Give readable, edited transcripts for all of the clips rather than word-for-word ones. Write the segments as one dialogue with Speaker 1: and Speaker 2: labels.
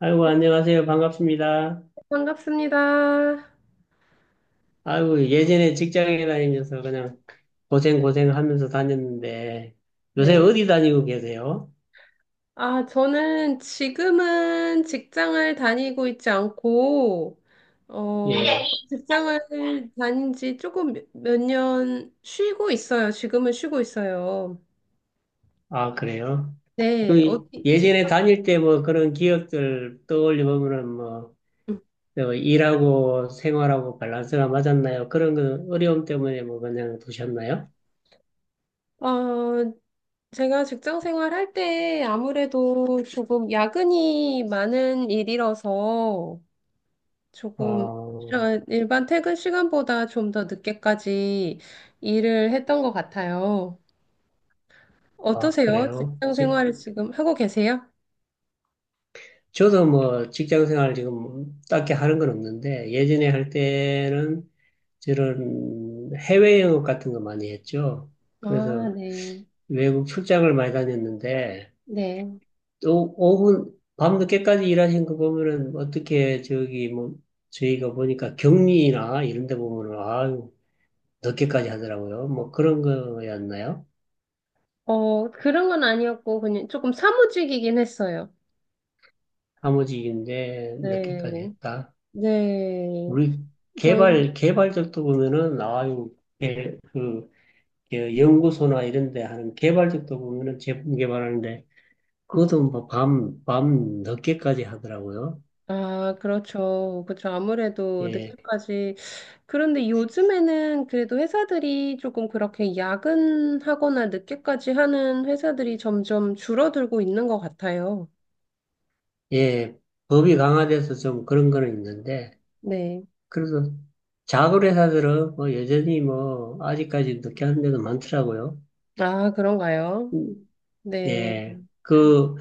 Speaker 1: 아이고, 안녕하세요. 반갑습니다.
Speaker 2: 반갑습니다.
Speaker 1: 아이고, 예전에 직장에 다니면서 그냥 고생고생 하면서 다녔는데, 요새
Speaker 2: 네.
Speaker 1: 어디 다니고 계세요?
Speaker 2: 아, 저는 지금은 직장을 다니고 있지 않고,
Speaker 1: 예.
Speaker 2: 조금 직장을 다닌 지 조금 몇 년 쉬고 있어요. 지금은 쉬고 있어요.
Speaker 1: 아, 그래요?
Speaker 2: 네.
Speaker 1: 그
Speaker 2: 어디,
Speaker 1: 예전에
Speaker 2: 직장,
Speaker 1: 다닐 때 뭐 그런 기억들 떠올려보면은 뭐,
Speaker 2: 음.
Speaker 1: 저 일하고 생활하고 밸런스가 맞았나요? 그런 거 어려움 때문에 뭐 그냥 두셨나요?
Speaker 2: 어, 제가 직장 생활할 때 아무래도 조금 야근이 많은 일이라서, 조금
Speaker 1: 어,
Speaker 2: 일반 퇴근 시간보다 좀 더 늦게까지 일을 했던 것 같아요.
Speaker 1: 아,
Speaker 2: 어떠세요?
Speaker 1: 그래요?
Speaker 2: 직장 생활을 지금 하고 계세요?
Speaker 1: 저도 뭐 직장 생활 지금 딱히 하는 건 없는데, 예전에 할 때는 저런 해외 영업 같은 거 많이 했죠.
Speaker 2: 아,
Speaker 1: 그래서
Speaker 2: 네.
Speaker 1: 외국 출장을 많이 다녔는데
Speaker 2: 네.
Speaker 1: 또 오후 밤늦게까지 일하신 거 보면은 어떻게 저기 뭐 저희가 보니까 격리나 이런 데 보면은 아유 늦게까지 하더라고요. 뭐 그런 거였나요?
Speaker 2: 그런 건 아니었고, 그냥 조금 사무직이긴 했어요.
Speaker 1: 사무직인데 늦게까지
Speaker 2: 네.
Speaker 1: 했다.
Speaker 2: 네.
Speaker 1: 우리
Speaker 2: 저희,
Speaker 1: 개발 개발적도 보면은 아유 그 연구소나 이런 데 하는 개발적도 보면은 제품 개발하는데
Speaker 2: 네.
Speaker 1: 그것도 뭐 밤 늦게까지 하더라고요.
Speaker 2: 아, 그렇죠. 그렇죠. 아무래도
Speaker 1: 예,
Speaker 2: 늦게까지. 그런데 요즘에는 그래도 회사들이 조금 그렇게 야근하거나 늦게까지 하는 회사들이 점점 줄어들고 있는 것 같아요.
Speaker 1: 예. 법이 강화돼서 좀 그런 거는 있는데,
Speaker 2: 네.
Speaker 1: 그래도 작은 회사들은 뭐 여전히 뭐 아직까지 늦게 하는 데도 많더라고요.
Speaker 2: 아, 그런가요? 네.
Speaker 1: 예. 그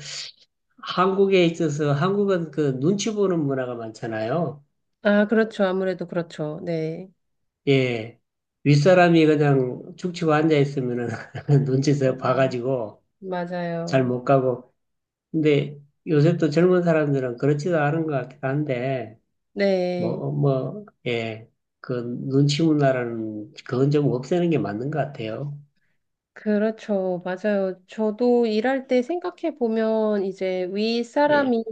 Speaker 1: 한국에 있어서 한국은 그 눈치 보는 문화가 많잖아요.
Speaker 2: 아, 그렇죠. 아무래도 그렇죠. 네.
Speaker 1: 예. 윗사람이 그냥 죽치고 앉아 있으면은 눈치서 봐가지고 잘
Speaker 2: 맞아요.
Speaker 1: 못 가고. 근데 요새 또 젊은 사람들은 그렇지도 않은 것 같긴 한데,
Speaker 2: 네.
Speaker 1: 뭐, 뭐, 예. 그 눈치 문화라는 그건 좀 없애는 게 맞는 것 같아요.
Speaker 2: 그렇죠. 맞아요. 저도 일할 때 생각해 보면 이제
Speaker 1: 예,
Speaker 2: 윗사람이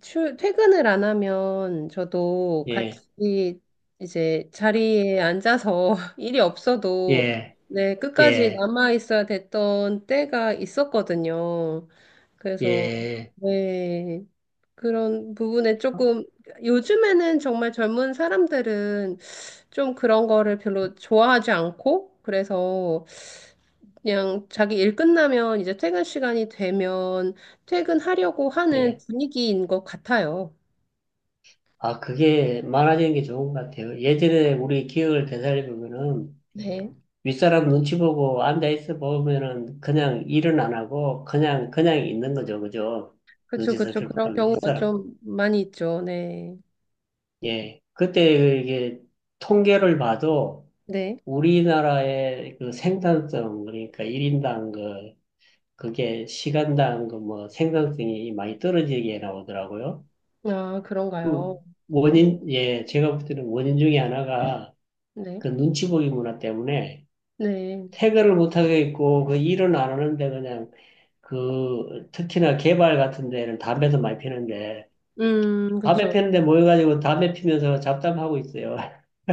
Speaker 2: 출, 퇴근을 안 하면 저도
Speaker 1: 예,
Speaker 2: 같이 이제 자리에 앉아서 일이 없어도
Speaker 1: 예,
Speaker 2: 네, 끝까지
Speaker 1: 예,
Speaker 2: 남아 있어야 됐던 때가 있었거든요. 그래서
Speaker 1: 예,
Speaker 2: 네, 그런 부분에 조금 요즘에는 정말 젊은 사람들은 좀 그런 거를 별로 좋아하지 않고 그래서 그냥 자기 일 끝나면 이제 퇴근 시간이 되면 퇴근하려고 하는
Speaker 1: 예.
Speaker 2: 분위기인 것 같아요.
Speaker 1: 아, 그게 많아지는 게 좋은 것 같아요. 예전에 우리 기억을 되살려보면은
Speaker 2: 네.
Speaker 1: 윗사람 눈치 보고 앉아있어 보면은 그냥 일은 안 하고 그냥, 그냥 있는 거죠. 그죠?
Speaker 2: 그쵸,
Speaker 1: 눈치
Speaker 2: 그쵸. 그런
Speaker 1: 살펴보면
Speaker 2: 경우가
Speaker 1: 윗사람.
Speaker 2: 좀 많이 있죠. 네.
Speaker 1: 예. 그때 이게 통계를 봐도
Speaker 2: 네.
Speaker 1: 우리나라의 그 생산성, 그러니까 일인당 그, 그게 시간당 그 뭐 생산성이 많이 떨어지게 나오더라고요.
Speaker 2: 아, 그런가요?
Speaker 1: 그
Speaker 2: 음,
Speaker 1: 원인, 예, 제가 볼 때는 원인 중에 하나가
Speaker 2: 네.
Speaker 1: 그 눈치 보기 문화 때문에
Speaker 2: 네.
Speaker 1: 퇴근을 못하게 있고 그 일은 안 하는데 그냥 그 특히나 개발 같은 데는 담배도 많이 피는데 담배
Speaker 2: 그쵸.
Speaker 1: 피는데 모여가지고 담배 피면서 잡담하고 있어요.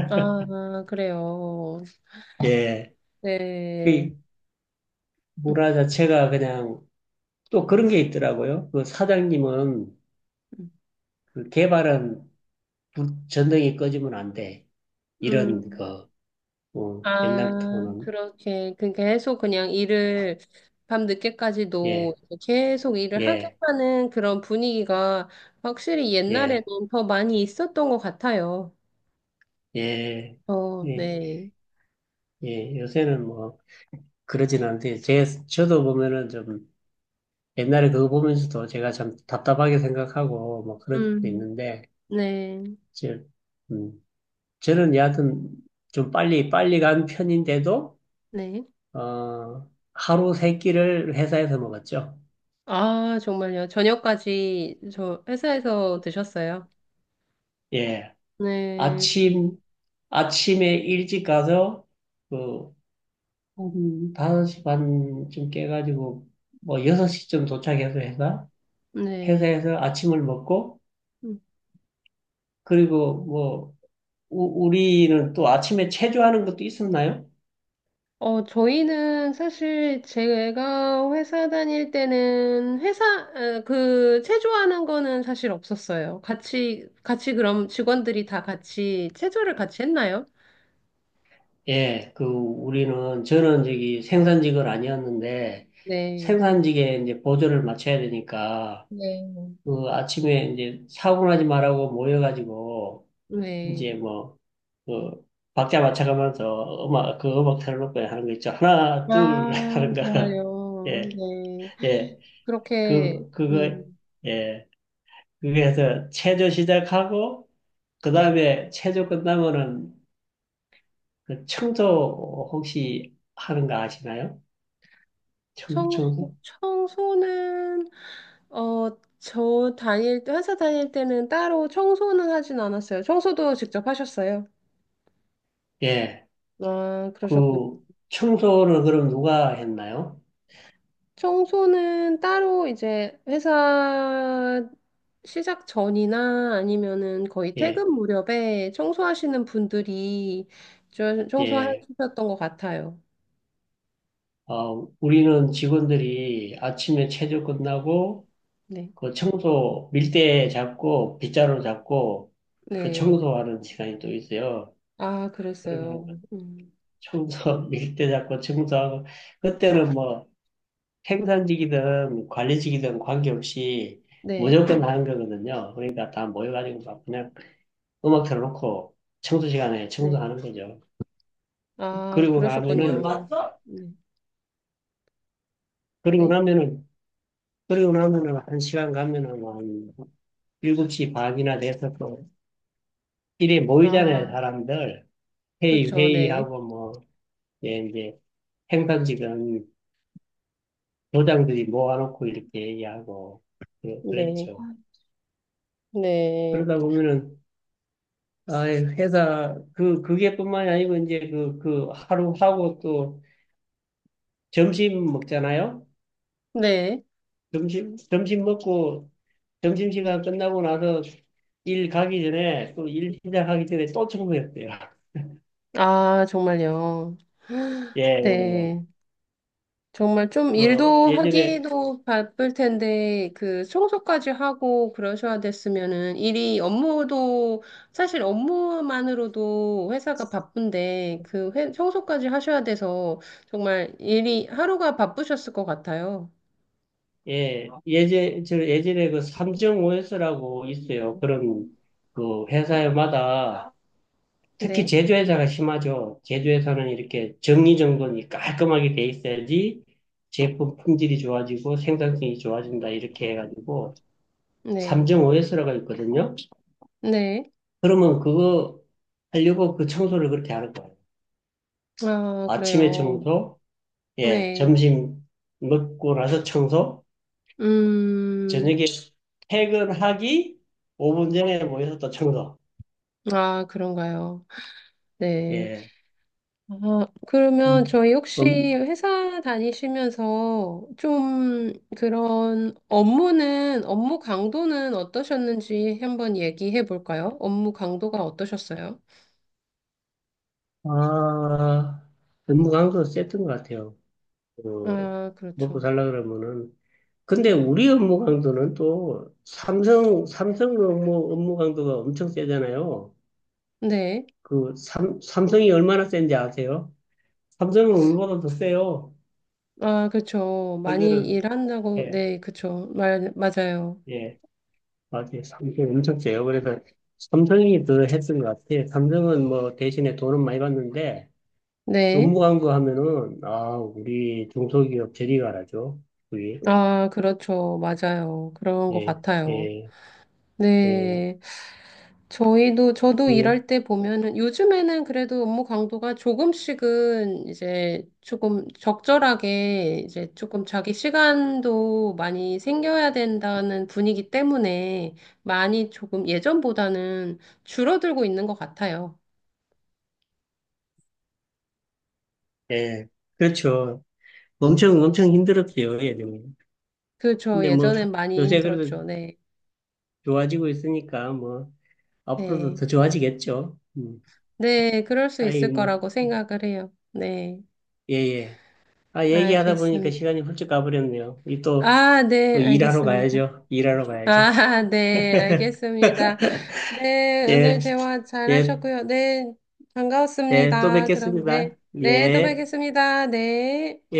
Speaker 2: 아, 그래요.
Speaker 1: 예.
Speaker 2: 네.
Speaker 1: 그
Speaker 2: 음,
Speaker 1: 문화 자체가 그냥 또 그런 게 있더라고요. 그 사장님은
Speaker 2: 음.
Speaker 1: 그 개발은 전등이 꺼지면 안 돼. 이런 그
Speaker 2: 음.
Speaker 1: 어,
Speaker 2: 아,
Speaker 1: 옛날부터는
Speaker 2: 그렇게, 그 계속 그냥 일을 밤늦게까지도
Speaker 1: 예,
Speaker 2: 계속 일을 하게
Speaker 1: 예,
Speaker 2: 하는 그런 분위기가 확실히 옛날에는
Speaker 1: 예,
Speaker 2: 더 많이 있었던 것 같아요.
Speaker 1: 예,
Speaker 2: 어,
Speaker 1: 예,
Speaker 2: 네.
Speaker 1: 예. 요새는 뭐 그러진 않대. 제 저도 보면은 좀 옛날에 그거 보면서도 제가 참 답답하게 생각하고 뭐 그런 적도
Speaker 2: 음,
Speaker 1: 있는데
Speaker 2: 네,
Speaker 1: 저, 음, 저는 여하튼 좀 빨리 빨리 간 편인데도
Speaker 2: 네.
Speaker 1: 어, 하루 세 끼를 회사에서 먹었죠.
Speaker 2: 아, 정말요. 저녁까지 저 회사에서 드셨어요?
Speaker 1: 예.
Speaker 2: 네,
Speaker 1: 아침, 아침에 일찍 가서, 그, 한 5시 반쯤 깨가지고, 뭐, 6시쯤 도착해서
Speaker 2: 네.
Speaker 1: 회사에서 아침을 먹고, 그리고 뭐, 우리는 또 아침에 체조하는 것도 있었나요?
Speaker 2: 저희는 사실 제가 회사 다닐 때는 회사, 어, 그, 체조하는 거는 사실 없었어요. 같이, 같이 그럼 직원들이 다 같이 체조를 같이 했나요?
Speaker 1: 예, 그, 우리는, 저는 저기 생산직은 아니었는데,
Speaker 2: 네.
Speaker 1: 생산직에 이제 보조를 맞춰야 되니까,
Speaker 2: 네.
Speaker 1: 그 아침에 이제 사고 나지 말라고 모여가지고,
Speaker 2: 네.
Speaker 1: 이제 뭐, 그 박자 맞춰가면서 음악 그 음악 틀어놓고 하는 거 있죠. 하나 둘
Speaker 2: 아,
Speaker 1: 하는 거. 예,
Speaker 2: 정말요. 네.
Speaker 1: 예.
Speaker 2: 그렇게,
Speaker 1: 그 그거 예. 그게 해서 체조 시작하고
Speaker 2: 네.
Speaker 1: 그다음에 체조 끝나면은 그 청소 혹시 하는 거 아시나요?
Speaker 2: 청소,
Speaker 1: 청소?
Speaker 2: 청소는, 어, 저 다닐 때, 회사 다닐 때는 따로 청소는 하진 않았어요. 청소도 직접 하셨어요?
Speaker 1: 예.
Speaker 2: 아, 그러셨군요.
Speaker 1: 그 청소는 그럼 누가 했나요?
Speaker 2: 청소는 따로 이제 회사 시작 전이나 아니면은 거의
Speaker 1: 예.
Speaker 2: 퇴근 무렵에 청소하시는 분들이 좀
Speaker 1: 예.
Speaker 2: 청소하셨던 것 같아요.
Speaker 1: 어, 우리는 직원들이 아침에 체조 끝나고
Speaker 2: 네.
Speaker 1: 그 청소 밀대 잡고 빗자루 잡고 그
Speaker 2: 네.
Speaker 1: 청소하는 시간이 또 있어요.
Speaker 2: 아,
Speaker 1: 그러면 그
Speaker 2: 그랬어요. 음.
Speaker 1: 청소 밀대 잡고 청소하고 그때는 뭐 생산직이든 관리직이든 관계없이
Speaker 2: 네.
Speaker 1: 무조건 하는 거거든요. 그러니까 다 모여가지고 막 그냥 음악 틀어놓고 청소 시간에
Speaker 2: 네.
Speaker 1: 청소하는 거죠.
Speaker 2: 아,
Speaker 1: 그리고 나면은
Speaker 2: 그러셨군요. 네.
Speaker 1: 그리고
Speaker 2: 네.
Speaker 1: 나면은, 그리고 나면은 한 시간 가면은 뭐한 7시 반이나 돼서 또 일에 모이잖아요,
Speaker 2: 아,
Speaker 1: 사람들.
Speaker 2: 그렇죠. 네.
Speaker 1: 회의하고 뭐 예, 이제 행단직은 도장들이 모아놓고 이렇게 얘기하고
Speaker 2: 네.
Speaker 1: 그랬죠. 아,
Speaker 2: 네.
Speaker 1: 그러다 보면은 아 회사 그게뿐만이 아니고 이제 그 하루 하고 또 점심 먹잖아요.
Speaker 2: 네.
Speaker 1: 점심 먹고 점심 시간 끝나고 나서 일 가기 전에 또 일 시작하기 전에 또 청소했대요.
Speaker 2: 아, 정말요.
Speaker 1: 예, 예.
Speaker 2: 네. 정말 좀
Speaker 1: 그
Speaker 2: 일도
Speaker 1: 예전에
Speaker 2: 하기도 바쁠 텐데, 그 청소까지 하고 그러셔야 됐으면은 일이 업무도, 사실 업무만으로도 회사가 바쁜데, 그 청소까지 하셔야 돼서 정말 일이 하루가 바쁘셨을 것 같아요.
Speaker 1: 예 예제 저 예전에 그 3.5S라고 있어요. 그런 그 회사마다 특히
Speaker 2: 네,
Speaker 1: 제조회사가 심하죠. 제조회사는 이렇게 정리정돈이 깔끔하게 돼 있어야지 제품 품질이 좋아지고 생산성이 좋아진다. 이렇게 해가지고
Speaker 2: 네,
Speaker 1: 3.5S라고 있거든요.
Speaker 2: 네.
Speaker 1: 그러면 그거 하려고 그 청소를 그렇게 하는 거예요.
Speaker 2: 아,
Speaker 1: 아침에
Speaker 2: 그래요.
Speaker 1: 청소, 예,
Speaker 2: 네.
Speaker 1: 점심 먹고 나서 청소,
Speaker 2: 음,
Speaker 1: 저녁에 퇴근하기 5분 전에 모여서 또 청소.
Speaker 2: 아, 그런가요. 네.
Speaker 1: 예.
Speaker 2: 아, 그러면
Speaker 1: 음,
Speaker 2: 저희 혹시
Speaker 1: 음,
Speaker 2: 회사 다니시면서 좀 그런 업무는, 업무 강도는 어떠셨는지 한번 얘기해 볼까요? 업무 강도가 어떠셨어요?
Speaker 1: 아, 업무 강도 셌던 것 같아요. 어,
Speaker 2: 아,
Speaker 1: 먹고
Speaker 2: 그렇죠.
Speaker 1: 살라 그러면은. 근데
Speaker 2: 음.
Speaker 1: 우리 업무 강도는 또 삼성 업무 강도가 엄청 세잖아요.
Speaker 2: 네.
Speaker 1: 그 삼성이 얼마나 센지 아세요? 삼성은 우리보다 더 세요.
Speaker 2: 아, 그렇죠. 많이
Speaker 1: 그들은,
Speaker 2: 일한다고,
Speaker 1: 예,
Speaker 2: 네, 그렇죠. 말, 맞아요.
Speaker 1: 예, 맞아요. 삼성이 엄청 세요. 그래서 삼성이 더 했던 것 같아요. 삼성은 뭐 대신에 돈은 많이 받는데
Speaker 2: 네.
Speaker 1: 업무 강도 하면은, 아, 우리 중소기업 저리 가라죠. 우리,
Speaker 2: 아, 그렇죠. 맞아요. 그런 것
Speaker 1: 예,
Speaker 2: 같아요.
Speaker 1: 예, 예.
Speaker 2: 네. 저희도, 저도
Speaker 1: 그,
Speaker 2: 일할 때 보면은 요즘에는 그래도 업무 강도가 조금씩은 이제 조금 적절하게 이제 조금 자기 시간도 많이 생겨야 된다는 분위기 때문에 많이 조금 예전보다는 줄어들고 있는 것 같아요.
Speaker 1: 예. 그렇죠. 엄청 엄청 힘들었어요, 예전에.
Speaker 2: 그렇죠.
Speaker 1: 근데 뭐
Speaker 2: 예전엔 많이
Speaker 1: 요새 그래도
Speaker 2: 힘들었죠. 네.
Speaker 1: 좋아지고 있으니까 뭐 앞으로도
Speaker 2: 네.
Speaker 1: 더 좋아지겠죠. 음.
Speaker 2: 네. 그럴 수
Speaker 1: 아이
Speaker 2: 있을
Speaker 1: 뭐
Speaker 2: 거라고 생각을 해요. 네.
Speaker 1: 예예. 아 얘기하다 보니까
Speaker 2: 알겠습니다.
Speaker 1: 시간이 훌쩍 가버렸네요. 이 또
Speaker 2: 아, 네.
Speaker 1: 일하러
Speaker 2: 알겠습니다.
Speaker 1: 가야죠. 일하러 가야죠.
Speaker 2: 아, 네, 알겠습니다. 네,
Speaker 1: 예,
Speaker 2: 오늘 대화 잘
Speaker 1: 예,
Speaker 2: 하셨고요. 네,
Speaker 1: 예, 또
Speaker 2: 반가웠습니다. 그럼 네,
Speaker 1: 뵙겠습니다.
Speaker 2: 네, 또
Speaker 1: 예,
Speaker 2: 뵙겠습니다. 네.
Speaker 1: 예.